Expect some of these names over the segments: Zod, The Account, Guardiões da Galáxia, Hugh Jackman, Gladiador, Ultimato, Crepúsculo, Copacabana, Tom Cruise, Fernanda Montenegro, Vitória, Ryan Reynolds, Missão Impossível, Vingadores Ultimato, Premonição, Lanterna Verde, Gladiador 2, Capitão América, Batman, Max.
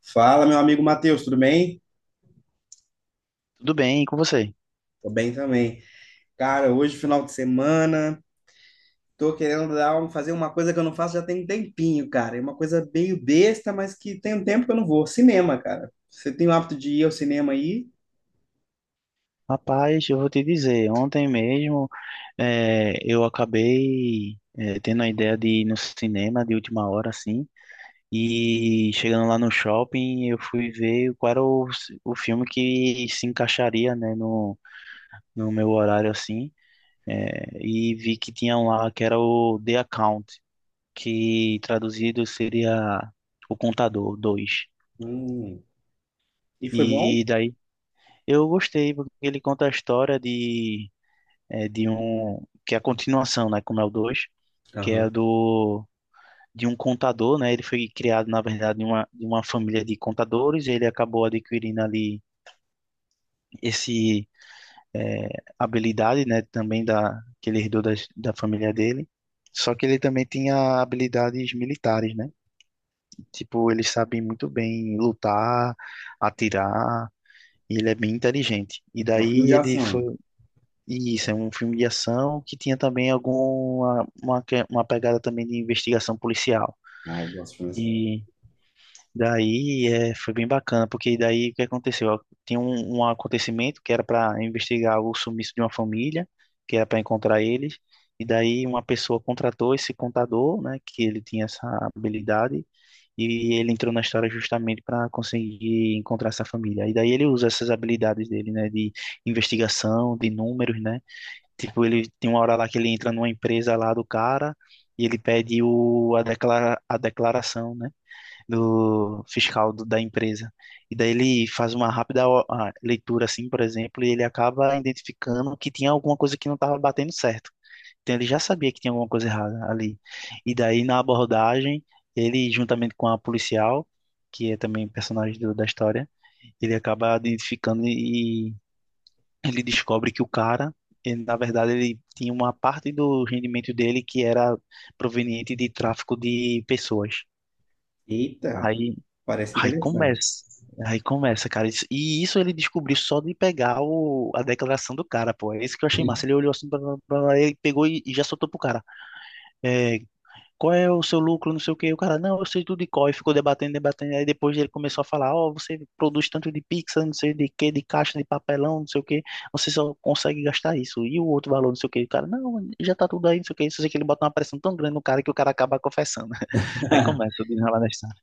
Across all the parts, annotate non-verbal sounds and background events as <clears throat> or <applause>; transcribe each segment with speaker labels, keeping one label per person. Speaker 1: Fala, meu amigo Matheus, tudo bem?
Speaker 2: Tudo bem, e com você?
Speaker 1: Tô bem também. Cara, hoje, final de semana, tô querendo fazer uma coisa que eu não faço já tem um tempinho, cara. É uma coisa meio besta, mas que tem um tempo que eu não vou. Cinema, cara. Você tem o hábito de ir ao cinema aí?
Speaker 2: Rapaz, eu vou te dizer, ontem mesmo eu acabei tendo a ideia de ir no cinema de última hora, assim, e chegando lá no shopping, eu fui ver qual era o filme que se encaixaria, né, no meu horário, assim, e vi que tinha um lá que era o The Account, que traduzido seria O Contador dois.
Speaker 1: Hum. E foi bom?
Speaker 2: E daí eu gostei, porque ele conta a história de de um que é a continuação, né, como é o 2, que é
Speaker 1: Aham.
Speaker 2: do de um contador, né? Ele foi criado, na verdade, de uma família de contadores, e ele acabou adquirindo ali esse é, habilidade, né, também da que ele herdou da família dele. Só que ele também tinha habilidades militares, né? Tipo, ele sabe muito bem lutar, atirar, e ele é bem inteligente. E
Speaker 1: É um filme
Speaker 2: daí
Speaker 1: de
Speaker 2: ele foi...
Speaker 1: ação.
Speaker 2: Isso, é um filme de ação que tinha também uma pegada também de investigação policial.
Speaker 1: Ah, eu gosto de filme de ação.
Speaker 2: E daí foi bem bacana, porque daí o que aconteceu? Ó, tinha um acontecimento que era para investigar o sumiço de uma família, que era para encontrar eles. E daí uma pessoa contratou esse contador, né, que ele tinha essa habilidade, e ele entrou na história justamente para conseguir encontrar essa família. E daí ele usa essas habilidades dele, né, de investigação, de números, né? Tipo, ele tem uma hora lá que ele entra numa empresa lá do cara e ele pede a declaração, né, do fiscal da empresa. E daí ele faz uma rápida a leitura, assim, por exemplo, e ele acaba identificando que tinha alguma coisa que não estava batendo certo. Então ele já sabia que tinha alguma coisa errada ali. E daí na abordagem, ele juntamente com a policial, que é também personagem da história, ele acaba identificando e ele descobre que o cara, ele, na verdade, ele tinha uma parte do rendimento dele que era proveniente de tráfico de pessoas.
Speaker 1: Eita,
Speaker 2: Aí,
Speaker 1: parece
Speaker 2: aí
Speaker 1: interessante.
Speaker 2: começa, aí começa, cara. E isso ele descobriu só de pegar a declaração do cara, pô. É isso que eu achei massa. Ele olhou assim, blá, blá, blá, blá, ele pegou e já soltou pro cara. É, qual é o seu lucro, não sei o quê. O cara, não, eu sei tudo de cor. E ficou debatendo, debatendo. Aí depois ele começou a falar, ó, você produz tanto de pizza, não sei de quê, de caixa, de papelão, não sei o quê. Você só consegue gastar isso. E o outro valor, não sei o quê. O cara, não, já tá tudo aí, não sei o quê. Só sei que ele bota uma pressão tão grande no cara que o cara acaba confessando. <laughs> Aí começa o
Speaker 1: <laughs>
Speaker 2: desenrolar da história.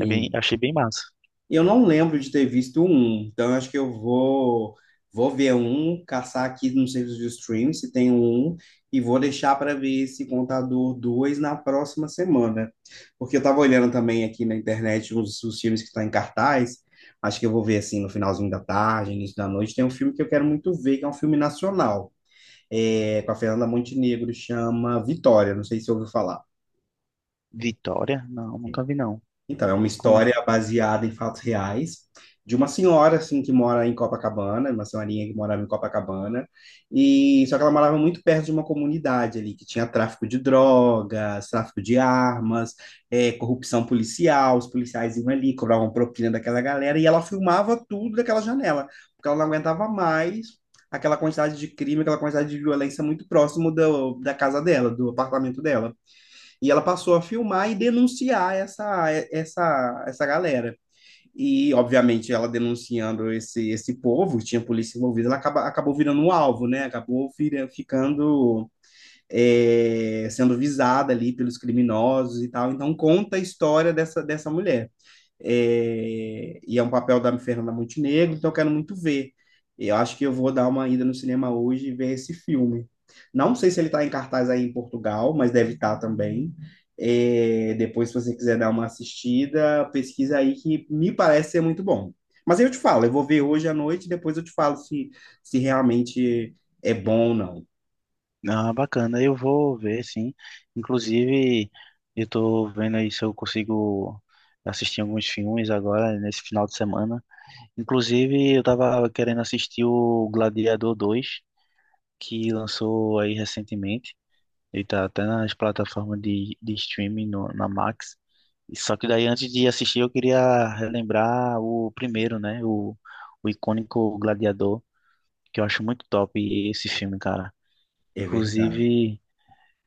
Speaker 2: É bem, achei bem massa.
Speaker 1: Eu não lembro de ter visto um, então eu acho que eu vou ver um, caçar aqui no serviço de streaming se tem um e vou deixar para ver esse Contador 2 na próxima semana. Porque eu estava olhando também aqui na internet os filmes que estão em cartaz. Acho que eu vou ver assim no finalzinho da tarde, início da noite. Tem um filme que eu quero muito ver, que é um filme nacional, com a Fernanda Montenegro, chama Vitória. Não sei se ouviu falar.
Speaker 2: Vitória? Não, nunca vi, não.
Speaker 1: Então, é uma
Speaker 2: Como é?
Speaker 1: história baseada em fatos reais de uma senhora assim que mora em Copacabana, uma senhorinha que morava em Copacabana, e só que ela morava muito perto de uma comunidade ali que tinha tráfico de drogas, tráfico de armas, corrupção policial. Os policiais iam ali, cobravam propina daquela galera e ela filmava tudo daquela janela, porque ela não aguentava mais aquela quantidade de crime, aquela quantidade de violência muito próximo da casa dela, do apartamento dela. E ela passou a filmar e denunciar essa galera. E, obviamente, ela denunciando esse povo, tinha polícia envolvida. Acabou virando um alvo, né? Ficando sendo visada ali pelos criminosos e tal. Então, conta a história dessa mulher, e é um papel da Fernanda Montenegro, então eu quero muito ver. Eu acho que eu vou dar uma ida no cinema hoje e ver esse filme. Não sei se ele está em cartaz aí em Portugal, mas deve estar também. É, depois, se você quiser dar uma assistida, pesquisa aí que me parece ser muito bom. Mas eu te falo, eu vou ver hoje à noite, depois eu te falo se realmente é bom ou não.
Speaker 2: Ah, bacana, eu vou ver, sim. Inclusive, eu tô vendo aí se eu consigo assistir alguns filmes agora, nesse final de semana. Inclusive, eu tava querendo assistir o Gladiador 2, que lançou aí recentemente. Ele tá até nas plataformas de streaming, no, na Max. Só que daí, antes de assistir, eu queria relembrar o primeiro, né? O icônico Gladiador, que eu acho muito top esse filme, cara.
Speaker 1: É verdade,
Speaker 2: Inclusive,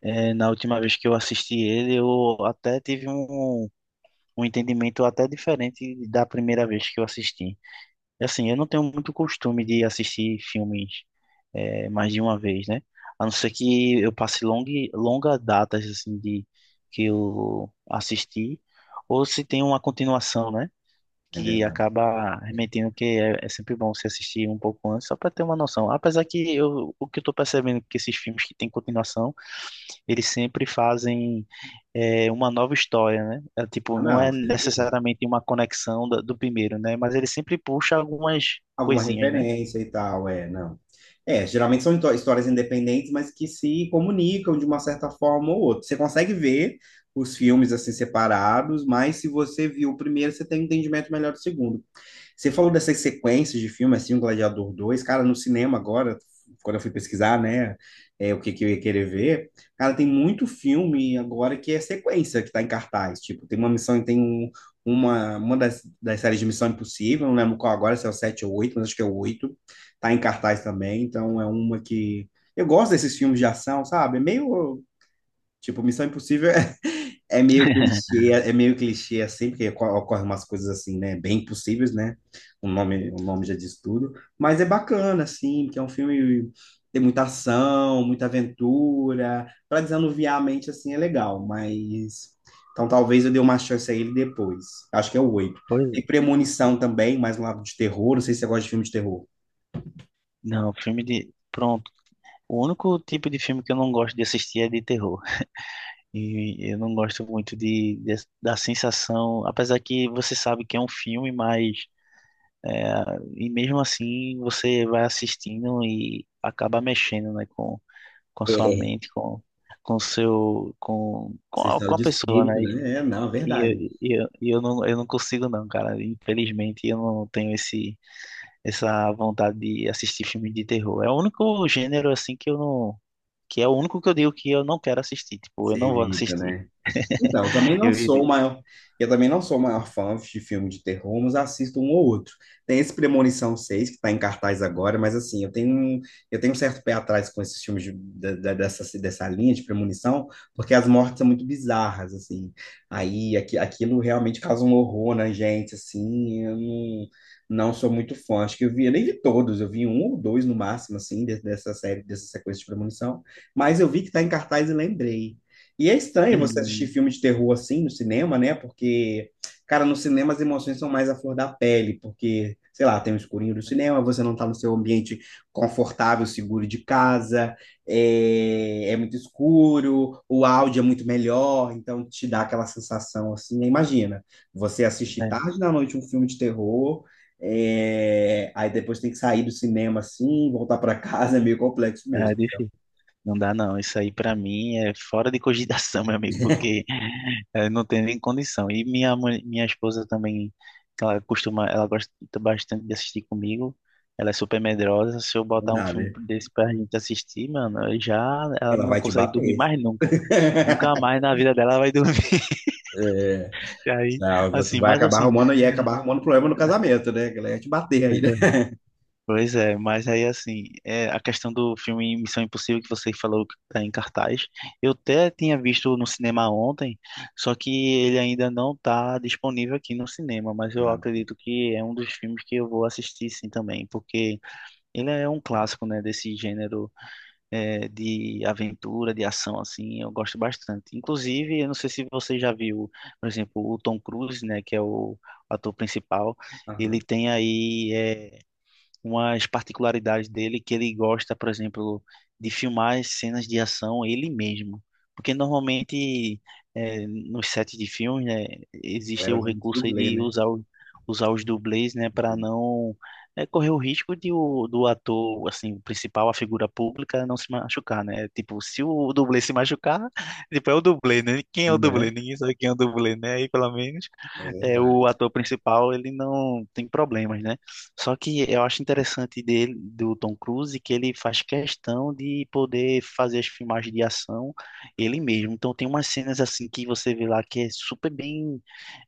Speaker 2: é, na última vez que eu assisti ele, eu até tive um entendimento até diferente da primeira vez que eu assisti. E, assim, eu não tenho muito costume de assistir filmes mais de uma vez, né? A não ser que eu passe longa datas assim de que eu assisti, ou se tem uma continuação, né?
Speaker 1: é
Speaker 2: Que
Speaker 1: verdade.
Speaker 2: acaba remetendo que é sempre bom se assistir um pouco antes, só para ter uma noção. Apesar que eu, o que eu tô percebendo é que esses filmes que têm continuação eles sempre fazem uma nova história, né? É, tipo,
Speaker 1: Ah,
Speaker 2: não
Speaker 1: não,
Speaker 2: é necessariamente uma conexão do primeiro, né? Mas ele sempre puxa algumas
Speaker 1: alguma
Speaker 2: coisinhas, né?
Speaker 1: referência e tal, não. É, geralmente são histórias independentes, mas que se comunicam de uma certa forma ou outra. Você consegue ver os filmes assim separados, mas se você viu o primeiro, você tem um entendimento melhor do segundo. Você falou dessas sequências de filme, assim, o Gladiador 2, cara, no cinema agora, quando eu fui pesquisar, né, o que, que eu ia querer ver. Cara, tem muito filme agora que é sequência, que tá em cartaz. Tipo, tem uma missão, uma das séries de Missão Impossível, não lembro qual agora, se é o 7 ou 8, mas acho que é o 8, tá em cartaz também, então é uma que... Eu gosto desses filmes de ação, sabe? É meio, tipo, Missão Impossível é meio
Speaker 2: <laughs>
Speaker 1: clichê, é meio clichê assim, porque ocorrem umas coisas assim, né, bem impossíveis, né? O nome já diz tudo, mas é bacana assim, porque é um filme, tem muita ação, muita aventura, para desanuviar a mente assim é legal, mas então talvez eu dê uma chance a ele depois. Acho que é o oito.
Speaker 2: Pois
Speaker 1: Tem
Speaker 2: é.
Speaker 1: Premonição também, mais um lado de terror, não sei se você gosta de filme de terror.
Speaker 2: Não, filme de. Pronto. O único tipo de filme que eu não gosto de assistir é de terror. E eu não gosto muito da sensação. Apesar que você sabe que é um filme, mas... é, e mesmo assim você vai assistindo e acaba mexendo, né, com sua
Speaker 1: É.
Speaker 2: mente, com seu
Speaker 1: Essa história
Speaker 2: com a
Speaker 1: de
Speaker 2: pessoa, né?
Speaker 1: espírito, né? É, não, é verdade.
Speaker 2: E eu, eu não consigo não, cara. Infelizmente eu não tenho esse essa vontade de assistir filme de terror. É o único gênero assim que eu não que é o único que eu digo que eu não quero assistir, tipo, eu
Speaker 1: Você
Speaker 2: não vou
Speaker 1: evita,
Speaker 2: assistir.
Speaker 1: né? Então,
Speaker 2: <laughs> Eu evito.
Speaker 1: eu também não sou o maior fã de filme de terror, mas assisto um ou outro. Tem esse Premonição 6 que está em cartaz agora, mas assim, eu tenho um certo pé atrás com esses filmes dessa linha de premonição, porque as mortes são muito bizarras, assim. Aí aqui, aquilo realmente causa um horror na gente, assim, eu não, sou muito fã. Acho que eu nem vi todos, eu vi um ou dois no máximo, assim, dessa série, dessa sequência de premonição, mas eu vi que está em cartaz e lembrei. E é estranho você assistir filme
Speaker 2: <clears throat>
Speaker 1: de terror assim no cinema, né? Porque, cara, no cinema as emoções são mais à flor da pele, porque, sei lá, tem o escurinho do cinema, você não tá no seu ambiente confortável, seguro de casa, é muito escuro, o áudio é muito melhor, então te dá aquela sensação assim. Aí imagina, você assistir
Speaker 2: Hum,
Speaker 1: tarde da noite um filme de terror, aí depois tem que sair do cinema assim, voltar pra <laughs> casa, é meio complexo
Speaker 2: é, é
Speaker 1: mesmo.
Speaker 2: difícil. Não dá não. Isso aí pra mim é fora de cogitação, <laughs> meu amigo, porque é, não tem nem condição. E minha mãe, minha esposa também, que ela costuma, ela gosta bastante de assistir comigo. Ela é super medrosa. Se eu
Speaker 1: Não
Speaker 2: botar um
Speaker 1: dá,
Speaker 2: filme
Speaker 1: né?
Speaker 2: desse pra gente assistir, mano, eu já ela
Speaker 1: Ela
Speaker 2: não
Speaker 1: vai te
Speaker 2: consegue dormir
Speaker 1: bater.
Speaker 2: mais nunca.
Speaker 1: <laughs>
Speaker 2: Nunca mais na vida dela ela vai dormir. <laughs>
Speaker 1: É,
Speaker 2: E aí,
Speaker 1: não, tu vai
Speaker 2: assim,
Speaker 1: acabar arrumando problema no casamento, né? A galera ia te bater aí, né?
Speaker 2: pois é, mas aí assim, é, a questão do filme Missão Impossível que você falou que tá em cartaz, eu até tinha visto no cinema ontem, só que ele ainda não tá disponível aqui no cinema, mas eu
Speaker 1: Ah,
Speaker 2: acredito que é um dos filmes que eu vou assistir sim também, porque ele é um clássico, né, desse gênero de aventura, de ação, assim, eu gosto bastante. Inclusive, eu não sei se você já viu, por exemplo, o Tom Cruise, né, que é o ator principal, ele
Speaker 1: aham.
Speaker 2: tem aí... é, umas particularidades dele que ele gosta, por exemplo, de filmar as cenas de ação ele mesmo. Porque normalmente nos sets de filmes, né,
Speaker 1: A
Speaker 2: existe
Speaker 1: galera
Speaker 2: o
Speaker 1: usa muito
Speaker 2: recurso aí
Speaker 1: dublê,
Speaker 2: de
Speaker 1: né?
Speaker 2: usar os dublês, né, para
Speaker 1: Uhum.
Speaker 2: não correr o risco do ator, assim, o principal, a figura pública, não se machucar, né? Tipo, se o dublê se machucar, <laughs> tipo, é o dublê, né? Quem é o
Speaker 1: Né?
Speaker 2: dublê? Ninguém sabe quem é o dublê, né? Aí, pelo menos
Speaker 1: É
Speaker 2: é,
Speaker 1: verdade.
Speaker 2: o ator principal, ele não tem problemas, né? Só que eu acho interessante dele, do Tom Cruise, que ele faz questão de poder fazer as filmagens de ação ele mesmo. Então tem umas cenas assim que você vê lá que é super bem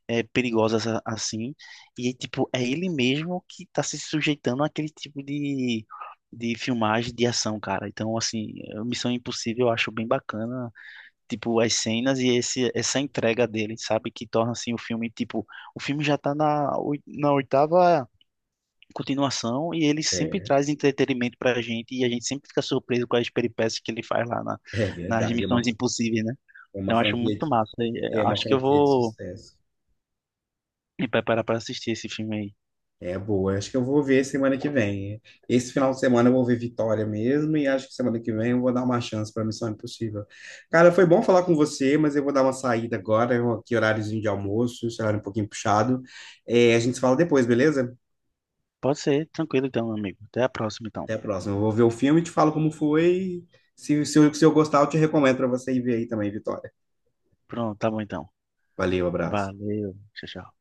Speaker 2: perigosas assim, e tipo, é ele mesmo que tá se sujeitando àquele tipo de filmagem de ação, cara. Então, assim, Missão Impossível eu acho bem bacana, tipo, as cenas e essa entrega dele, sabe? Que torna, assim, o filme, tipo, o filme já tá na oitava continuação e ele sempre
Speaker 1: É,
Speaker 2: traz entretenimento pra gente e a gente sempre fica surpreso com as peripécias que ele faz lá na,
Speaker 1: é
Speaker 2: nas
Speaker 1: verdade.
Speaker 2: Missões Impossíveis, né?
Speaker 1: É uma
Speaker 2: Então, eu acho
Speaker 1: franquia
Speaker 2: muito
Speaker 1: de,
Speaker 2: massa. E,
Speaker 1: É uma
Speaker 2: acho que eu
Speaker 1: franquia de
Speaker 2: vou
Speaker 1: sucesso.
Speaker 2: me preparar pra assistir esse filme aí.
Speaker 1: É boa. Acho que eu vou ver semana que vem. Esse final de semana eu vou ver Vitória mesmo, e acho que semana que vem eu vou dar uma chance para Missão Impossível. Cara, foi bom falar com você, mas eu vou dar uma saída agora. Aqui horáriozinho de almoço, esse horário um pouquinho puxado. É, a gente se fala depois, beleza?
Speaker 2: Pode ser, tranquilo então, meu amigo. Até a próxima, então.
Speaker 1: Até a próxima. Eu vou ver o filme, te falo como foi. Se eu gostar, eu te recomendo para você ir ver aí também, Vitória.
Speaker 2: Pronto, tá bom então.
Speaker 1: Valeu, abraço.
Speaker 2: Valeu, tchau, tchau.